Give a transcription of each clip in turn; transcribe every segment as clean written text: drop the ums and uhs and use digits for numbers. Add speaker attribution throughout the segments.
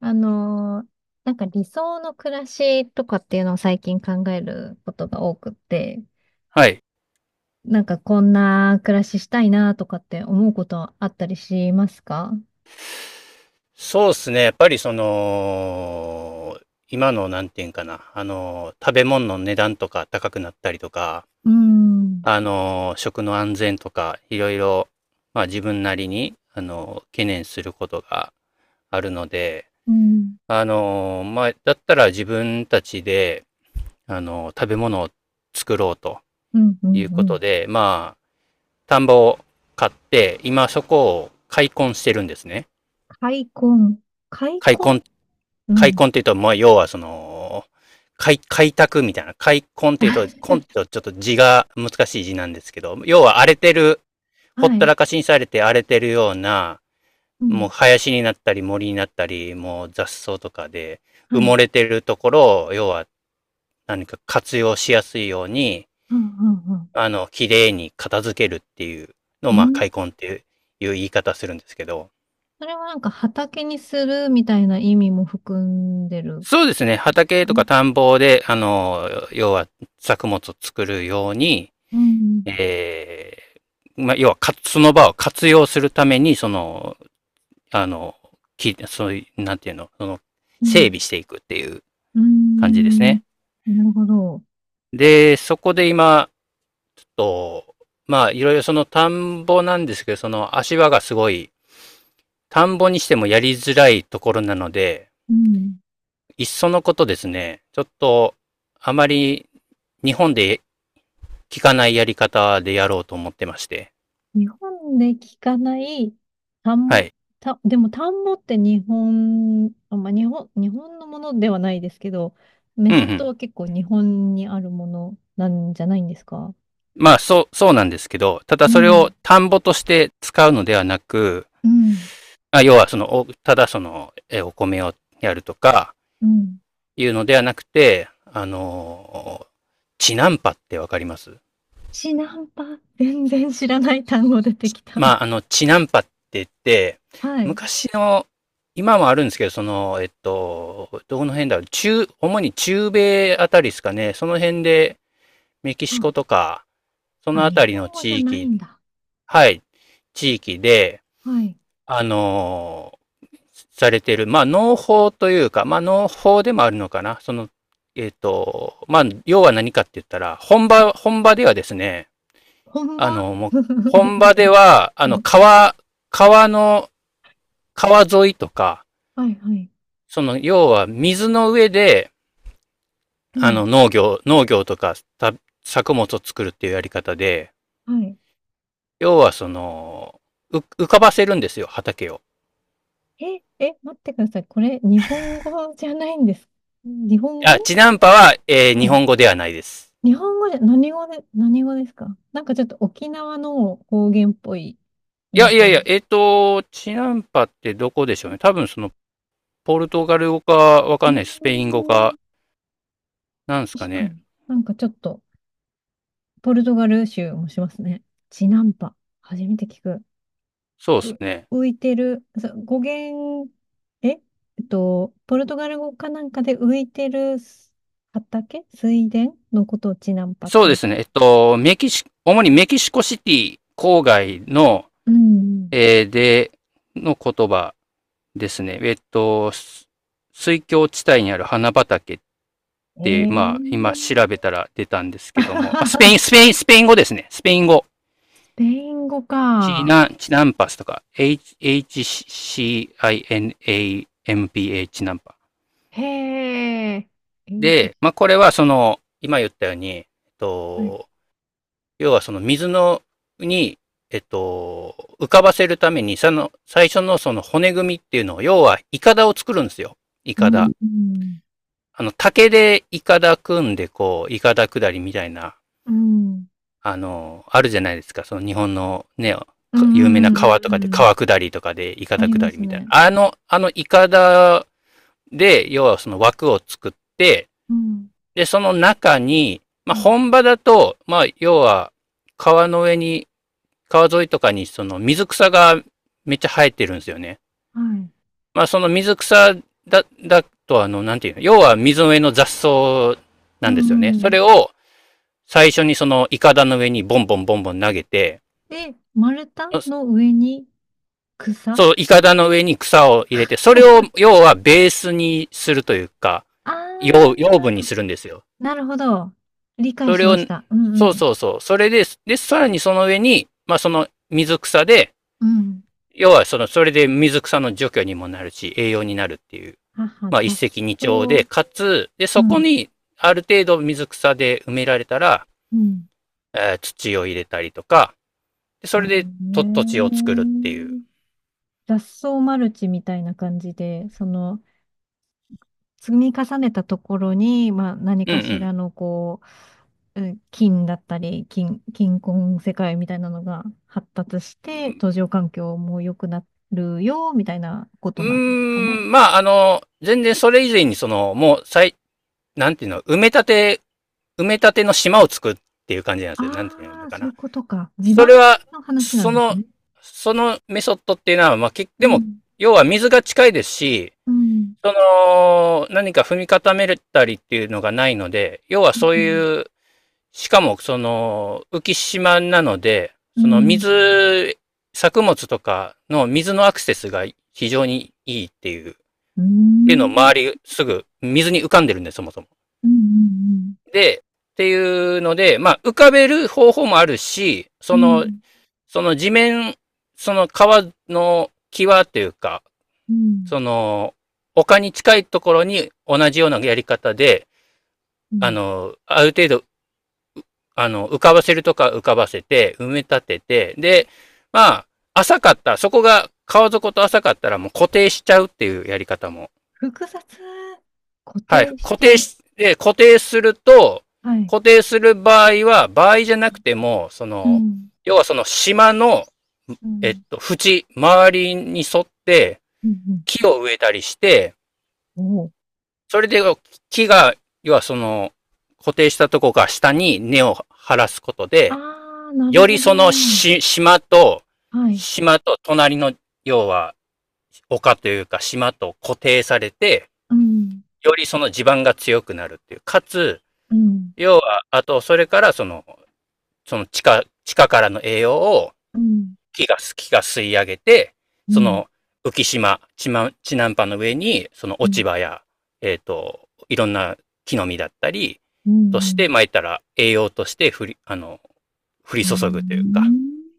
Speaker 1: あのー理想の暮らしとかっていうのを最近考えることが多くって、
Speaker 2: はい。
Speaker 1: こんな暮らししたいなとかって思うことあったりしますか？
Speaker 2: そうですね。やっぱり今のなんていうんかな、食べ物の値段とか高くなったりとか、
Speaker 1: うーん。
Speaker 2: 食の安全とか、いろいろ、まあ自分なりに、懸念することがあるので、
Speaker 1: うん、
Speaker 2: まあ、だったら自分たちで、食べ物を作ろうと
Speaker 1: うん、う
Speaker 2: い
Speaker 1: ん、
Speaker 2: う
Speaker 1: う
Speaker 2: こと
Speaker 1: ん。
Speaker 2: で、まあ、田んぼを買って、今そこを開墾してるんですね。
Speaker 1: 開墾。開
Speaker 2: 開
Speaker 1: 墾。
Speaker 2: 墾っ
Speaker 1: う
Speaker 2: 開
Speaker 1: ん。
Speaker 2: 墾っていうと、まあ、要はその、開拓みたいな。開墾っていうと、墾 っていうとちょっと字が難しい字なんですけど、要は荒れてる、ほっ
Speaker 1: は
Speaker 2: た
Speaker 1: い。
Speaker 2: らかしにされて荒れてるような、
Speaker 1: う
Speaker 2: もう
Speaker 1: ん。
Speaker 2: 林になったり森になったり、もう雑草とかで
Speaker 1: は
Speaker 2: 埋も
Speaker 1: い。
Speaker 2: れてるところを、要は何か活用しやすいように、
Speaker 1: うん、うん、うん。
Speaker 2: 綺麗に片付けるっていうのを、
Speaker 1: う
Speaker 2: まあ、
Speaker 1: ん。
Speaker 2: 開墾っていう言い方するんですけど、
Speaker 1: それはなんか畑にするみたいな意味も含んでるん
Speaker 2: そうですね。
Speaker 1: です
Speaker 2: 畑
Speaker 1: か
Speaker 2: とか
Speaker 1: ね？
Speaker 2: 田んぼで、要は作物を作るように、
Speaker 1: うん、
Speaker 2: えまあ、要はその場を活用するために、その、あの、そういう、なんていうの、その、
Speaker 1: うん。
Speaker 2: 整備していくっていう
Speaker 1: ー
Speaker 2: 感じです
Speaker 1: ん
Speaker 2: ね。
Speaker 1: なるほど。
Speaker 2: で、そこで今、ちょっと、まあ、いろいろその田んぼなんですけど、その足場がすごい、田んぼにしてもやりづらいところなので、
Speaker 1: うん。
Speaker 2: いっそのことですね、ちょっと、あまり日本で効かないやり方でやろうと思ってまして。
Speaker 1: 日本で聞かない
Speaker 2: は
Speaker 1: 単、
Speaker 2: い。
Speaker 1: 田た、でも田んぼって日本、あ、まあ、日本、日本のものではないですけど、メ
Speaker 2: うんう
Speaker 1: ソッド
Speaker 2: ん。
Speaker 1: は結構日本にあるものなんじゃないんですか？
Speaker 2: まあ、そう、そうなんですけど、ただ
Speaker 1: う
Speaker 2: それ
Speaker 1: ん、
Speaker 2: を田んぼとして使うのではなく、
Speaker 1: うん、
Speaker 2: まあ要はただお米をやるとか、
Speaker 1: うん。
Speaker 2: いうのではなくて、チナンパってわかります？
Speaker 1: シナンパ、全然知らない単語出てき
Speaker 2: ま
Speaker 1: た。
Speaker 2: あ、チナンパって言って、
Speaker 1: はい。
Speaker 2: 昔の、今もあるんですけど、その、どこの辺だろう、主に中米あたりですかね、その辺でメキシ
Speaker 1: あ、
Speaker 2: コとか、そ
Speaker 1: あ、
Speaker 2: のあ
Speaker 1: 日
Speaker 2: たりの
Speaker 1: 本語じゃ
Speaker 2: 地
Speaker 1: ない
Speaker 2: 域、
Speaker 1: んだ。
Speaker 2: はい、地域で、
Speaker 1: はい。
Speaker 2: あのーされてる、まあ、農法というか、まあ、農法でもあるのかな。その、えっ、ーと、まあ、要は何かって言ったら、本場ではですね、
Speaker 1: 本場。
Speaker 2: もう、本場では、川の、川沿いとか、
Speaker 1: はいはい。
Speaker 2: その、要は水の上で、
Speaker 1: うん。
Speaker 2: 農業とか、作物を作るっていうやり方で、
Speaker 1: はい。
Speaker 2: 要はその、浮かばせるんですよ、畑を。
Speaker 1: え、え、待ってください。これ、日本語じゃないんです。日本
Speaker 2: あ、
Speaker 1: 語。
Speaker 2: チナンパは、
Speaker 1: は
Speaker 2: 日
Speaker 1: い。
Speaker 2: 本語ではないです。
Speaker 1: 日本語で、何語で、何語ですか？なんかちょっと沖縄の方言っぽい
Speaker 2: いや
Speaker 1: 印
Speaker 2: いやい
Speaker 1: 象。
Speaker 2: や、えっ、ーと、チナンパってどこでしょうね。多分その、ポルトガル語かわ
Speaker 1: う
Speaker 2: かん
Speaker 1: ー
Speaker 2: ない、スペイン語
Speaker 1: ん、
Speaker 2: か、なんですか
Speaker 1: 確か
Speaker 2: ね。
Speaker 1: に。なんかちょっと、ポルトガル州もしますね。チナンパ。初めて聞く。
Speaker 2: そうです
Speaker 1: う、
Speaker 2: ね。
Speaker 1: 浮いてる、そう、語源、ええっと、ポルトガル語かなんかで浮いてるす畑水田のことをチナンパっ
Speaker 2: そう
Speaker 1: てい
Speaker 2: で
Speaker 1: う。
Speaker 2: すね。メキシ、主にメキシコシティ郊外の、
Speaker 1: うん。うん。
Speaker 2: で、の言葉ですね。水郷地帯にある花畑っ
Speaker 1: え
Speaker 2: て、まあ、今調
Speaker 1: ー、
Speaker 2: べたら出たんですけども、あ、スペイン語ですね。スペイン語。
Speaker 1: スペイン語か。
Speaker 2: チナンパスとか、H- HCINAMPA チシナンパチナンパ。
Speaker 1: へえ。えーじ
Speaker 2: で、まあ、これはその、今言ったように、
Speaker 1: はい。
Speaker 2: と、要はそのに、えっと、浮かばせるために、その、最初のその骨組みっていうのを、要は、イカダを作るんですよ。イ
Speaker 1: う
Speaker 2: カ
Speaker 1: ん、
Speaker 2: ダ。
Speaker 1: うん、
Speaker 2: 竹でイカダ組んで、こう、イカダ下りみたいな
Speaker 1: うん、
Speaker 2: あるじゃないですか。その日本のね、
Speaker 1: うん、
Speaker 2: 有
Speaker 1: う
Speaker 2: 名な
Speaker 1: ん、うん、う
Speaker 2: 川
Speaker 1: ん。う
Speaker 2: とかで、
Speaker 1: ん。
Speaker 2: 川下りとかで、イカ
Speaker 1: あ
Speaker 2: ダ
Speaker 1: りま
Speaker 2: 下り
Speaker 1: す
Speaker 2: みたい
Speaker 1: ね。
Speaker 2: な。あのイカダで、要はその枠を作って、
Speaker 1: うん、
Speaker 2: で、その中に、ま
Speaker 1: う
Speaker 2: あ、
Speaker 1: ん。
Speaker 2: 本場だと、まあ、要は、川の上に、川沿いとかに、その水草がめっちゃ生えてるんですよね。
Speaker 1: はい。
Speaker 2: まあ、その水草だと、なんていうの、要は水の上の雑草
Speaker 1: う
Speaker 2: なんですよね。
Speaker 1: ん、う
Speaker 2: そ
Speaker 1: ん。
Speaker 2: れを、最初にそのイカダの上にボンボンボンボン投げて、
Speaker 1: で、丸太の上に草。
Speaker 2: そう、イカダの上に草を入れて、それを要はベースにするというか、
Speaker 1: あ
Speaker 2: 養養
Speaker 1: ー、
Speaker 2: 分にするんですよ。
Speaker 1: なるほど。理解
Speaker 2: そ
Speaker 1: し
Speaker 2: れ
Speaker 1: ま
Speaker 2: を、
Speaker 1: した。うん、う
Speaker 2: そう
Speaker 1: ん。
Speaker 2: そうそう。それで、さらにその上に、まあその水草で、
Speaker 1: うん。
Speaker 2: 要はその、それで水草の除去にもなるし、栄養になるっていう、
Speaker 1: 母、
Speaker 2: まあ一
Speaker 1: 雑
Speaker 2: 石
Speaker 1: 草。
Speaker 2: 二鳥で、かつ、で、
Speaker 1: う
Speaker 2: そこ
Speaker 1: ん。
Speaker 2: にある程度水草で埋められたら、
Speaker 1: うん。
Speaker 2: 土を入れたりとか、でそ
Speaker 1: あ
Speaker 2: れ
Speaker 1: れ
Speaker 2: でと土地を作るっていう。
Speaker 1: ね。雑草マルチみたいな感じで、その、積み重ねたところに、まあ、何
Speaker 2: う
Speaker 1: かし
Speaker 2: ん
Speaker 1: らのこう、うん、金だったり、金、金婚世界みたいなのが発達し
Speaker 2: う
Speaker 1: て、
Speaker 2: ん。
Speaker 1: 途上環境も良くなるよ、みたいなこ
Speaker 2: う
Speaker 1: と
Speaker 2: ー
Speaker 1: なんですかね？
Speaker 2: ん、まあ、全然それ以前にその、もう、なんていうの、埋め立ての島を作っていう感じなんですよ。なんていう
Speaker 1: あ
Speaker 2: の
Speaker 1: あ、
Speaker 2: か
Speaker 1: そうい
Speaker 2: な。
Speaker 1: うことか。地
Speaker 2: それ
Speaker 1: 盤
Speaker 2: は、
Speaker 1: の話な
Speaker 2: そ
Speaker 1: んです
Speaker 2: の、
Speaker 1: ね。
Speaker 2: そのメソッドっていうのは、まあ、
Speaker 1: う
Speaker 2: でも、
Speaker 1: ん、
Speaker 2: 要は水が近いですし、
Speaker 1: うん、
Speaker 2: その、何か踏み固めたりっていうのがないので、要は
Speaker 1: う
Speaker 2: そう
Speaker 1: ん、
Speaker 2: いう、しかも、その、浮島なので、
Speaker 1: う
Speaker 2: その
Speaker 1: ん、
Speaker 2: 水、作物とかの水のアクセスが非常にいいっていうっ
Speaker 1: う
Speaker 2: ていうのを
Speaker 1: ん、うん、
Speaker 2: 周りすぐ水に浮かんでるんで、そもそも。
Speaker 1: うん、
Speaker 2: で、っていうので、まあ、浮かべる方法もあるし、
Speaker 1: う
Speaker 2: その、
Speaker 1: ん、
Speaker 2: その地面、その川の際というか、その、丘に近いところに同じようなやり方で、
Speaker 1: うん。
Speaker 2: ある程度、浮かばせるとか浮かばせて、埋め立てて、で、まあ、浅かった、そこが川底と浅かったらもう固定しちゃうっていうやり方も。
Speaker 1: 複雑、固
Speaker 2: はい。
Speaker 1: 定し
Speaker 2: 固
Speaker 1: ちゃ
Speaker 2: 定
Speaker 1: う。
Speaker 2: し、で、固定すると、
Speaker 1: はい。
Speaker 2: 固定する場合は、場合じゃなくても、そ
Speaker 1: う
Speaker 2: の、
Speaker 1: ん、
Speaker 2: 要はその島の、
Speaker 1: うん、
Speaker 2: 周りに沿って
Speaker 1: うん、うん、
Speaker 2: 木を植えたりして、
Speaker 1: おう。
Speaker 2: それで木が、要はその、固定したとこが下に根を張らすことで、
Speaker 1: ああ、なる
Speaker 2: より
Speaker 1: ほど。
Speaker 2: その島と、
Speaker 1: はい。
Speaker 2: 島と隣の、要は、丘というか島と固定されて、
Speaker 1: うん、
Speaker 2: よりその地盤が強くなるっていう。かつ、
Speaker 1: うん、
Speaker 2: 要は、あと、それから、その、その地下、地下からの栄養を
Speaker 1: うん、
Speaker 2: 木が吸い上げて、
Speaker 1: う
Speaker 2: そ
Speaker 1: ん、
Speaker 2: の浮島、地南波の上に、その
Speaker 1: う
Speaker 2: 落ち
Speaker 1: ん、
Speaker 2: 葉や、いろんな木の実だったり、
Speaker 1: う
Speaker 2: として、
Speaker 1: ん、
Speaker 2: まあ、言ったら栄養として降り
Speaker 1: う
Speaker 2: 注ぐというか。
Speaker 1: ん。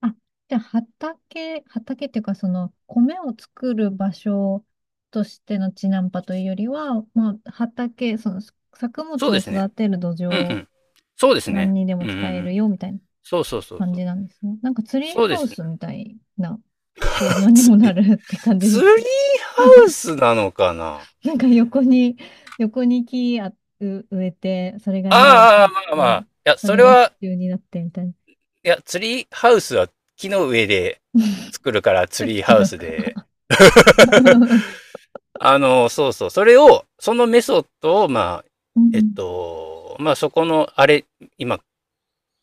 Speaker 1: あ、じゃあ畑、畑っていうか、その、米を作る場所としての地ナンパというよりは、まあ、畑、その、作
Speaker 2: そ
Speaker 1: 物
Speaker 2: う
Speaker 1: を
Speaker 2: ですね。
Speaker 1: 育てる土
Speaker 2: うんう
Speaker 1: 壌、
Speaker 2: ん。そうです
Speaker 1: 何
Speaker 2: ね。
Speaker 1: にで
Speaker 2: う
Speaker 1: も
Speaker 2: んうんう
Speaker 1: 使え
Speaker 2: ん。
Speaker 1: るよ、みたいな
Speaker 2: そうそうそう
Speaker 1: 感
Speaker 2: そう。
Speaker 1: じなんですね。なんか、ツリー
Speaker 2: そうで
Speaker 1: ハウ
Speaker 2: すね。
Speaker 1: スみたいな構造に
Speaker 2: つ
Speaker 1: もな
Speaker 2: え
Speaker 1: るって感じ
Speaker 2: ツ
Speaker 1: で
Speaker 2: リー
Speaker 1: す
Speaker 2: ハ
Speaker 1: か？
Speaker 2: ウスなのかな？
Speaker 1: なんか横に、横に木あう植えて、それが根を
Speaker 2: あ
Speaker 1: 張
Speaker 2: あ、
Speaker 1: っ
Speaker 2: まあまあ。
Speaker 1: て、
Speaker 2: いや、
Speaker 1: そ
Speaker 2: そ
Speaker 1: れ
Speaker 2: れ
Speaker 1: が支
Speaker 2: は、
Speaker 1: 柱になってみたいな。
Speaker 2: いや、ツリーハウスは木の上で作るから
Speaker 1: ち
Speaker 2: ツ
Speaker 1: ょっ
Speaker 2: リー
Speaker 1: と違
Speaker 2: ハウ
Speaker 1: う
Speaker 2: ス
Speaker 1: か。
Speaker 2: で。そうそう。それを、そのメソッドを、まあ、
Speaker 1: うん。
Speaker 2: まあそこの、あれ、今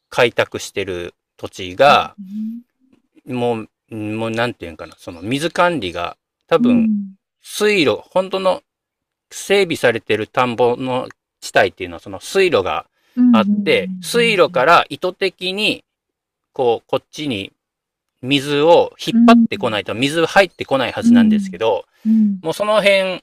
Speaker 2: 開拓してる土地
Speaker 1: う
Speaker 2: が、
Speaker 1: ね
Speaker 2: もうなんていうんかな、その水管理が、多
Speaker 1: う
Speaker 2: 分、
Speaker 1: ん。
Speaker 2: 水路、本当の整備されてる田んぼの地帯っていうのは、その水路が
Speaker 1: うん。う
Speaker 2: あ
Speaker 1: ん。
Speaker 2: って、水路
Speaker 1: う
Speaker 2: か
Speaker 1: ん。
Speaker 2: ら意図的に、こう、こっちに水を引
Speaker 1: う
Speaker 2: っ張っ
Speaker 1: ん。
Speaker 2: てこないと水入ってこないは
Speaker 1: う
Speaker 2: ずなんですけ
Speaker 1: ん。
Speaker 2: ど、
Speaker 1: うん。
Speaker 2: もうその辺、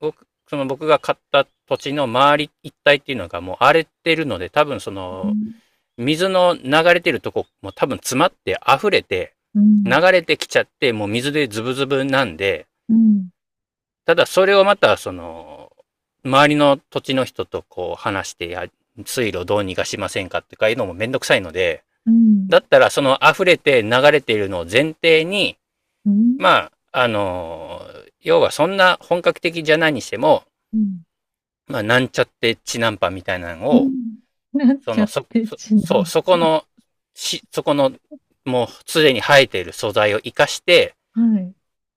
Speaker 2: その僕が買った土地の周り一帯っていうのがもう荒れてるので、多分そ
Speaker 1: う
Speaker 2: の、
Speaker 1: ん。
Speaker 2: 水の流れてるとこも多分詰まって溢れて、
Speaker 1: う
Speaker 2: 流れてきちゃって、もう水でズブズブなんで、
Speaker 1: ん。
Speaker 2: ただそれをまたその、周りの土地の人とこう話して、水路どうにかしませんかっかいうのもめんどくさいので、
Speaker 1: うん。
Speaker 2: だったらその溢れて流れているのを前提に、
Speaker 1: う
Speaker 2: まあ、要はそんな本格的じゃないにしても、
Speaker 1: ん。
Speaker 2: まあ、なんちゃってチナンパみたいなの
Speaker 1: う
Speaker 2: を、
Speaker 1: ん、なっ
Speaker 2: そ
Speaker 1: ちゃ
Speaker 2: の、
Speaker 1: っ
Speaker 2: そ、
Speaker 1: て、
Speaker 2: そ、
Speaker 1: ち
Speaker 2: そ
Speaker 1: な
Speaker 2: う、そこ
Speaker 1: ま。
Speaker 2: の、そこの、もうすでに生えている素材を活かして、
Speaker 1: はい。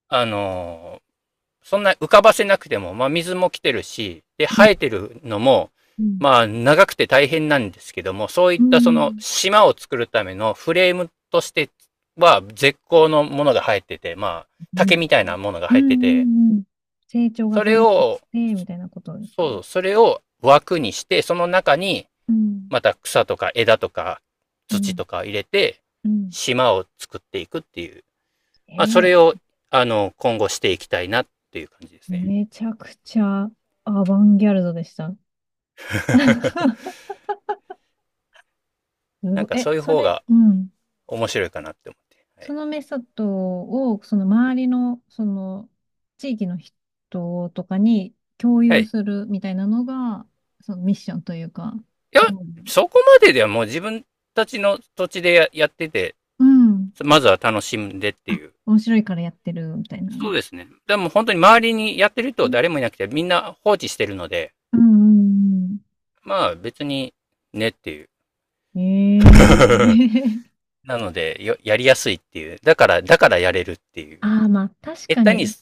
Speaker 2: あのーそんな浮かばせなくても、まあ、水も来てるし、で、
Speaker 1: うん。
Speaker 2: 生えてるのも、
Speaker 1: うん。
Speaker 2: まあ、長くて大変なんですけども、そうい
Speaker 1: う
Speaker 2: ったその
Speaker 1: ん。
Speaker 2: 島を作るためのフレームとしては絶好のものが生えてて、まあ、竹みたいなものが
Speaker 1: う
Speaker 2: 生
Speaker 1: ん、
Speaker 2: えてて、
Speaker 1: うん、うん。成長が
Speaker 2: それ
Speaker 1: 早く
Speaker 2: を、
Speaker 1: て、みたいなことですか？
Speaker 2: そう、それを枠にして、その中に
Speaker 1: うん、
Speaker 2: また草とか枝とか
Speaker 1: う
Speaker 2: 土
Speaker 1: ん、
Speaker 2: とか入れて、
Speaker 1: うん。
Speaker 2: 島を作っていくっていう。まあ、そ
Speaker 1: え
Speaker 2: れを、
Speaker 1: ー、
Speaker 2: 今後していきたいなっていう感じですね。
Speaker 1: めちゃくちゃアバンギャルドでした。す
Speaker 2: な
Speaker 1: ご
Speaker 2: ん
Speaker 1: い
Speaker 2: か
Speaker 1: え、
Speaker 2: そういう
Speaker 1: そ
Speaker 2: 方
Speaker 1: れ、
Speaker 2: が
Speaker 1: うん。
Speaker 2: 面白いかなって思って。は
Speaker 1: そ
Speaker 2: い。
Speaker 1: のメソッドを、その周りの、その、地域の人とかに共
Speaker 2: は
Speaker 1: 有
Speaker 2: い。い
Speaker 1: するみたいなのが、そのミッションというか、
Speaker 2: や、
Speaker 1: うん。
Speaker 2: そこまでではもう自分たちの土地でやってて、
Speaker 1: うん。
Speaker 2: まずは楽しんでって
Speaker 1: あ、
Speaker 2: いう。
Speaker 1: 面白いからやってるみたいな。
Speaker 2: そ
Speaker 1: う
Speaker 2: うですね。でも本当に周りにやってる人誰
Speaker 1: ん、
Speaker 2: もいなくて、みんな放置してるので、
Speaker 1: うん、
Speaker 2: まあ別にねっていう。
Speaker 1: うん。ええ。
Speaker 2: なのでやりやすいっていう。だからやれるっていう。
Speaker 1: ああ、まあ、確
Speaker 2: 下
Speaker 1: か
Speaker 2: 手に、
Speaker 1: に。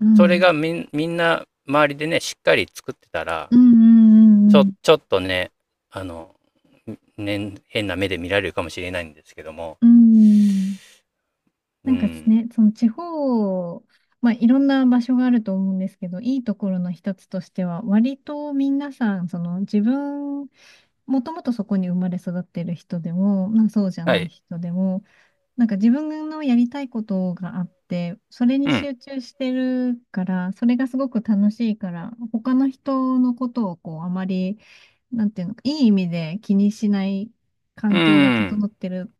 Speaker 1: う
Speaker 2: それ
Speaker 1: ん。
Speaker 2: がみんな周りでね、しっかり作ってたら、
Speaker 1: うん、うん、
Speaker 2: ちょ、
Speaker 1: うん、
Speaker 2: ちょっとね、あの、ね、変な目で見られるかもしれないんですけども。
Speaker 1: うん。うん。
Speaker 2: うん。
Speaker 1: ね、その地方、まあ、いろんな場所があると思うんですけど、いいところの一つとしては、割と皆さん、その自分、もともとそこに生まれ育ってる人でも、まあ、そうじゃ
Speaker 2: は
Speaker 1: ない
Speaker 2: い。
Speaker 1: 人でも、自分のやりたいことがあって、それに
Speaker 2: うん。
Speaker 1: 集中してるから、それがすごく楽しいから、他の人のことをこう、あまり、なんていうのか、いい意味で気にしない
Speaker 2: う
Speaker 1: 環境が
Speaker 2: ん。
Speaker 1: 整ってる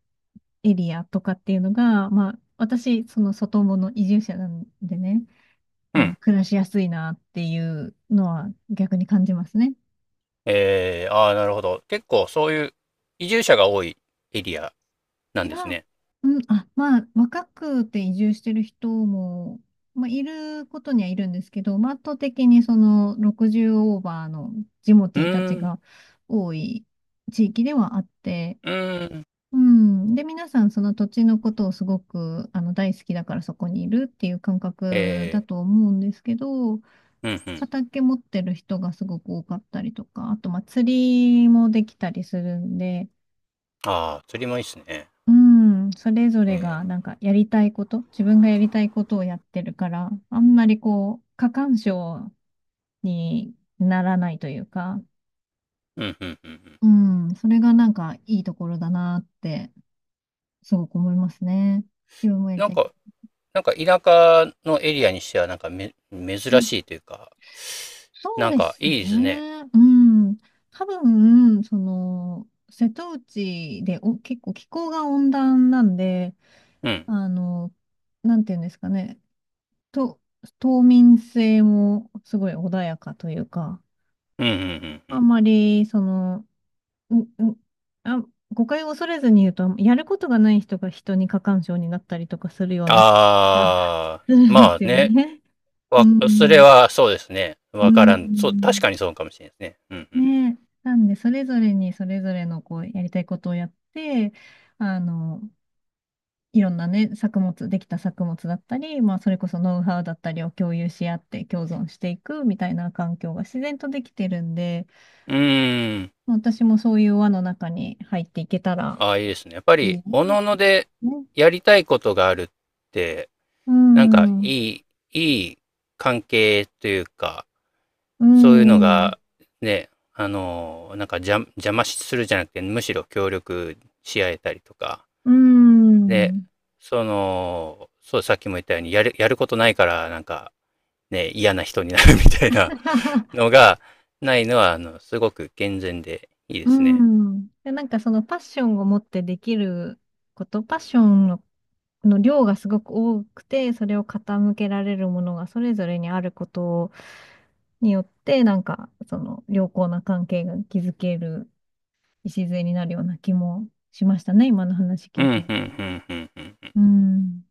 Speaker 1: エリアとかっていうのが、まあ、私、その外もの移住者なんでね、
Speaker 2: う
Speaker 1: あの、
Speaker 2: ん。
Speaker 1: 暮らしやすいなっていうのは逆に感じますね。
Speaker 2: ああ、なるほど。結構そういう移住者が多いエリアな
Speaker 1: い
Speaker 2: んです
Speaker 1: や、
Speaker 2: ね。
Speaker 1: うん、あ、まあ、若くて移住してる人も、まあ、いることにはいるんですけど、まあ、圧倒的にその60オーバーのジモ
Speaker 2: う
Speaker 1: ティーたち
Speaker 2: ーん。
Speaker 1: が多い地域ではあって、
Speaker 2: うーん。
Speaker 1: うん。で、皆さんその土地のことをすごく、あの、大好きだからそこにいるっていう感覚
Speaker 2: え
Speaker 1: だと思うんですけど、
Speaker 2: うん、うん。
Speaker 1: 畑持ってる人がすごく多かったりとか、あと、まあ、釣りもできたりするんで、
Speaker 2: ああ、釣りもいいっすね。
Speaker 1: うん、それぞれ
Speaker 2: ええ
Speaker 1: がやりたいこと、自分がやりたいことをやってるから、あんまりこう、過干渉にならないというか、
Speaker 2: うん、うん、うん。うん。
Speaker 1: うん、それがいいところだなって、すごく思いますね。自分もやり
Speaker 2: なん
Speaker 1: たい。
Speaker 2: か、なんか田舎のエリアにしては、なんか珍
Speaker 1: うん、
Speaker 2: しいというか、
Speaker 1: そう
Speaker 2: なん
Speaker 1: で
Speaker 2: か
Speaker 1: す
Speaker 2: いいですね。
Speaker 1: ね。うん。多分、その、瀬戸内でお、結構気候が温暖なんで、
Speaker 2: うん。
Speaker 1: あの、なんていうんですかね。と、冬眠性もすごい穏やかというか、
Speaker 2: うん、うん、うん。う
Speaker 1: あ
Speaker 2: ん
Speaker 1: んまり、その、う、う、あ、誤解を恐れずに言うと、やることがない人が人に過干渉になったりとかするような気が
Speaker 2: あ あ、
Speaker 1: するんで
Speaker 2: まあ
Speaker 1: すよ
Speaker 2: ね。
Speaker 1: ね。う
Speaker 2: それ
Speaker 1: ん。
Speaker 2: はそうですね。
Speaker 1: う
Speaker 2: わからん。そう、確
Speaker 1: ん。
Speaker 2: かにそうかもしれないですね。うん、
Speaker 1: ねえ。なんで、それぞれにそれぞれのこう、やりたいことをやって、あの、いろんなね、作物、できた作物だったり、まあ、それこそノウハウだったりを共有し合って共存していくみたいな環境が自然とできてるんで、
Speaker 2: うん。うーん。
Speaker 1: まあ私もそういう輪の中に入っていけたら
Speaker 2: ああ、いいですね。やっぱ
Speaker 1: い
Speaker 2: り、
Speaker 1: い
Speaker 2: お
Speaker 1: なっ
Speaker 2: の
Speaker 1: て
Speaker 2: おので
Speaker 1: ね。
Speaker 2: やりたいことがあるって、
Speaker 1: う
Speaker 2: なんか
Speaker 1: ん、うん。
Speaker 2: い、いい関係というか、そういうの が、ね、なんか邪魔するじゃなくて、むしろ協力し合えたりとか、
Speaker 1: う
Speaker 2: で、
Speaker 1: ん。
Speaker 2: そう、さっきも言ったように、やることないから、なんか、ね、嫌な人になるみたいな のが、ないのは、すごく健全でいいで
Speaker 1: う
Speaker 2: すね。
Speaker 1: ん。で、そのパッションを持ってできること、パッションの、の量がすごく多くて、それを傾けられるものがそれぞれにあることによって、その良好な関係が築ける礎になるような気もしましたね、今の話
Speaker 2: う
Speaker 1: 聞
Speaker 2: ん、
Speaker 1: い
Speaker 2: うん、
Speaker 1: てる。
Speaker 2: うん、うん、うん。
Speaker 1: うん。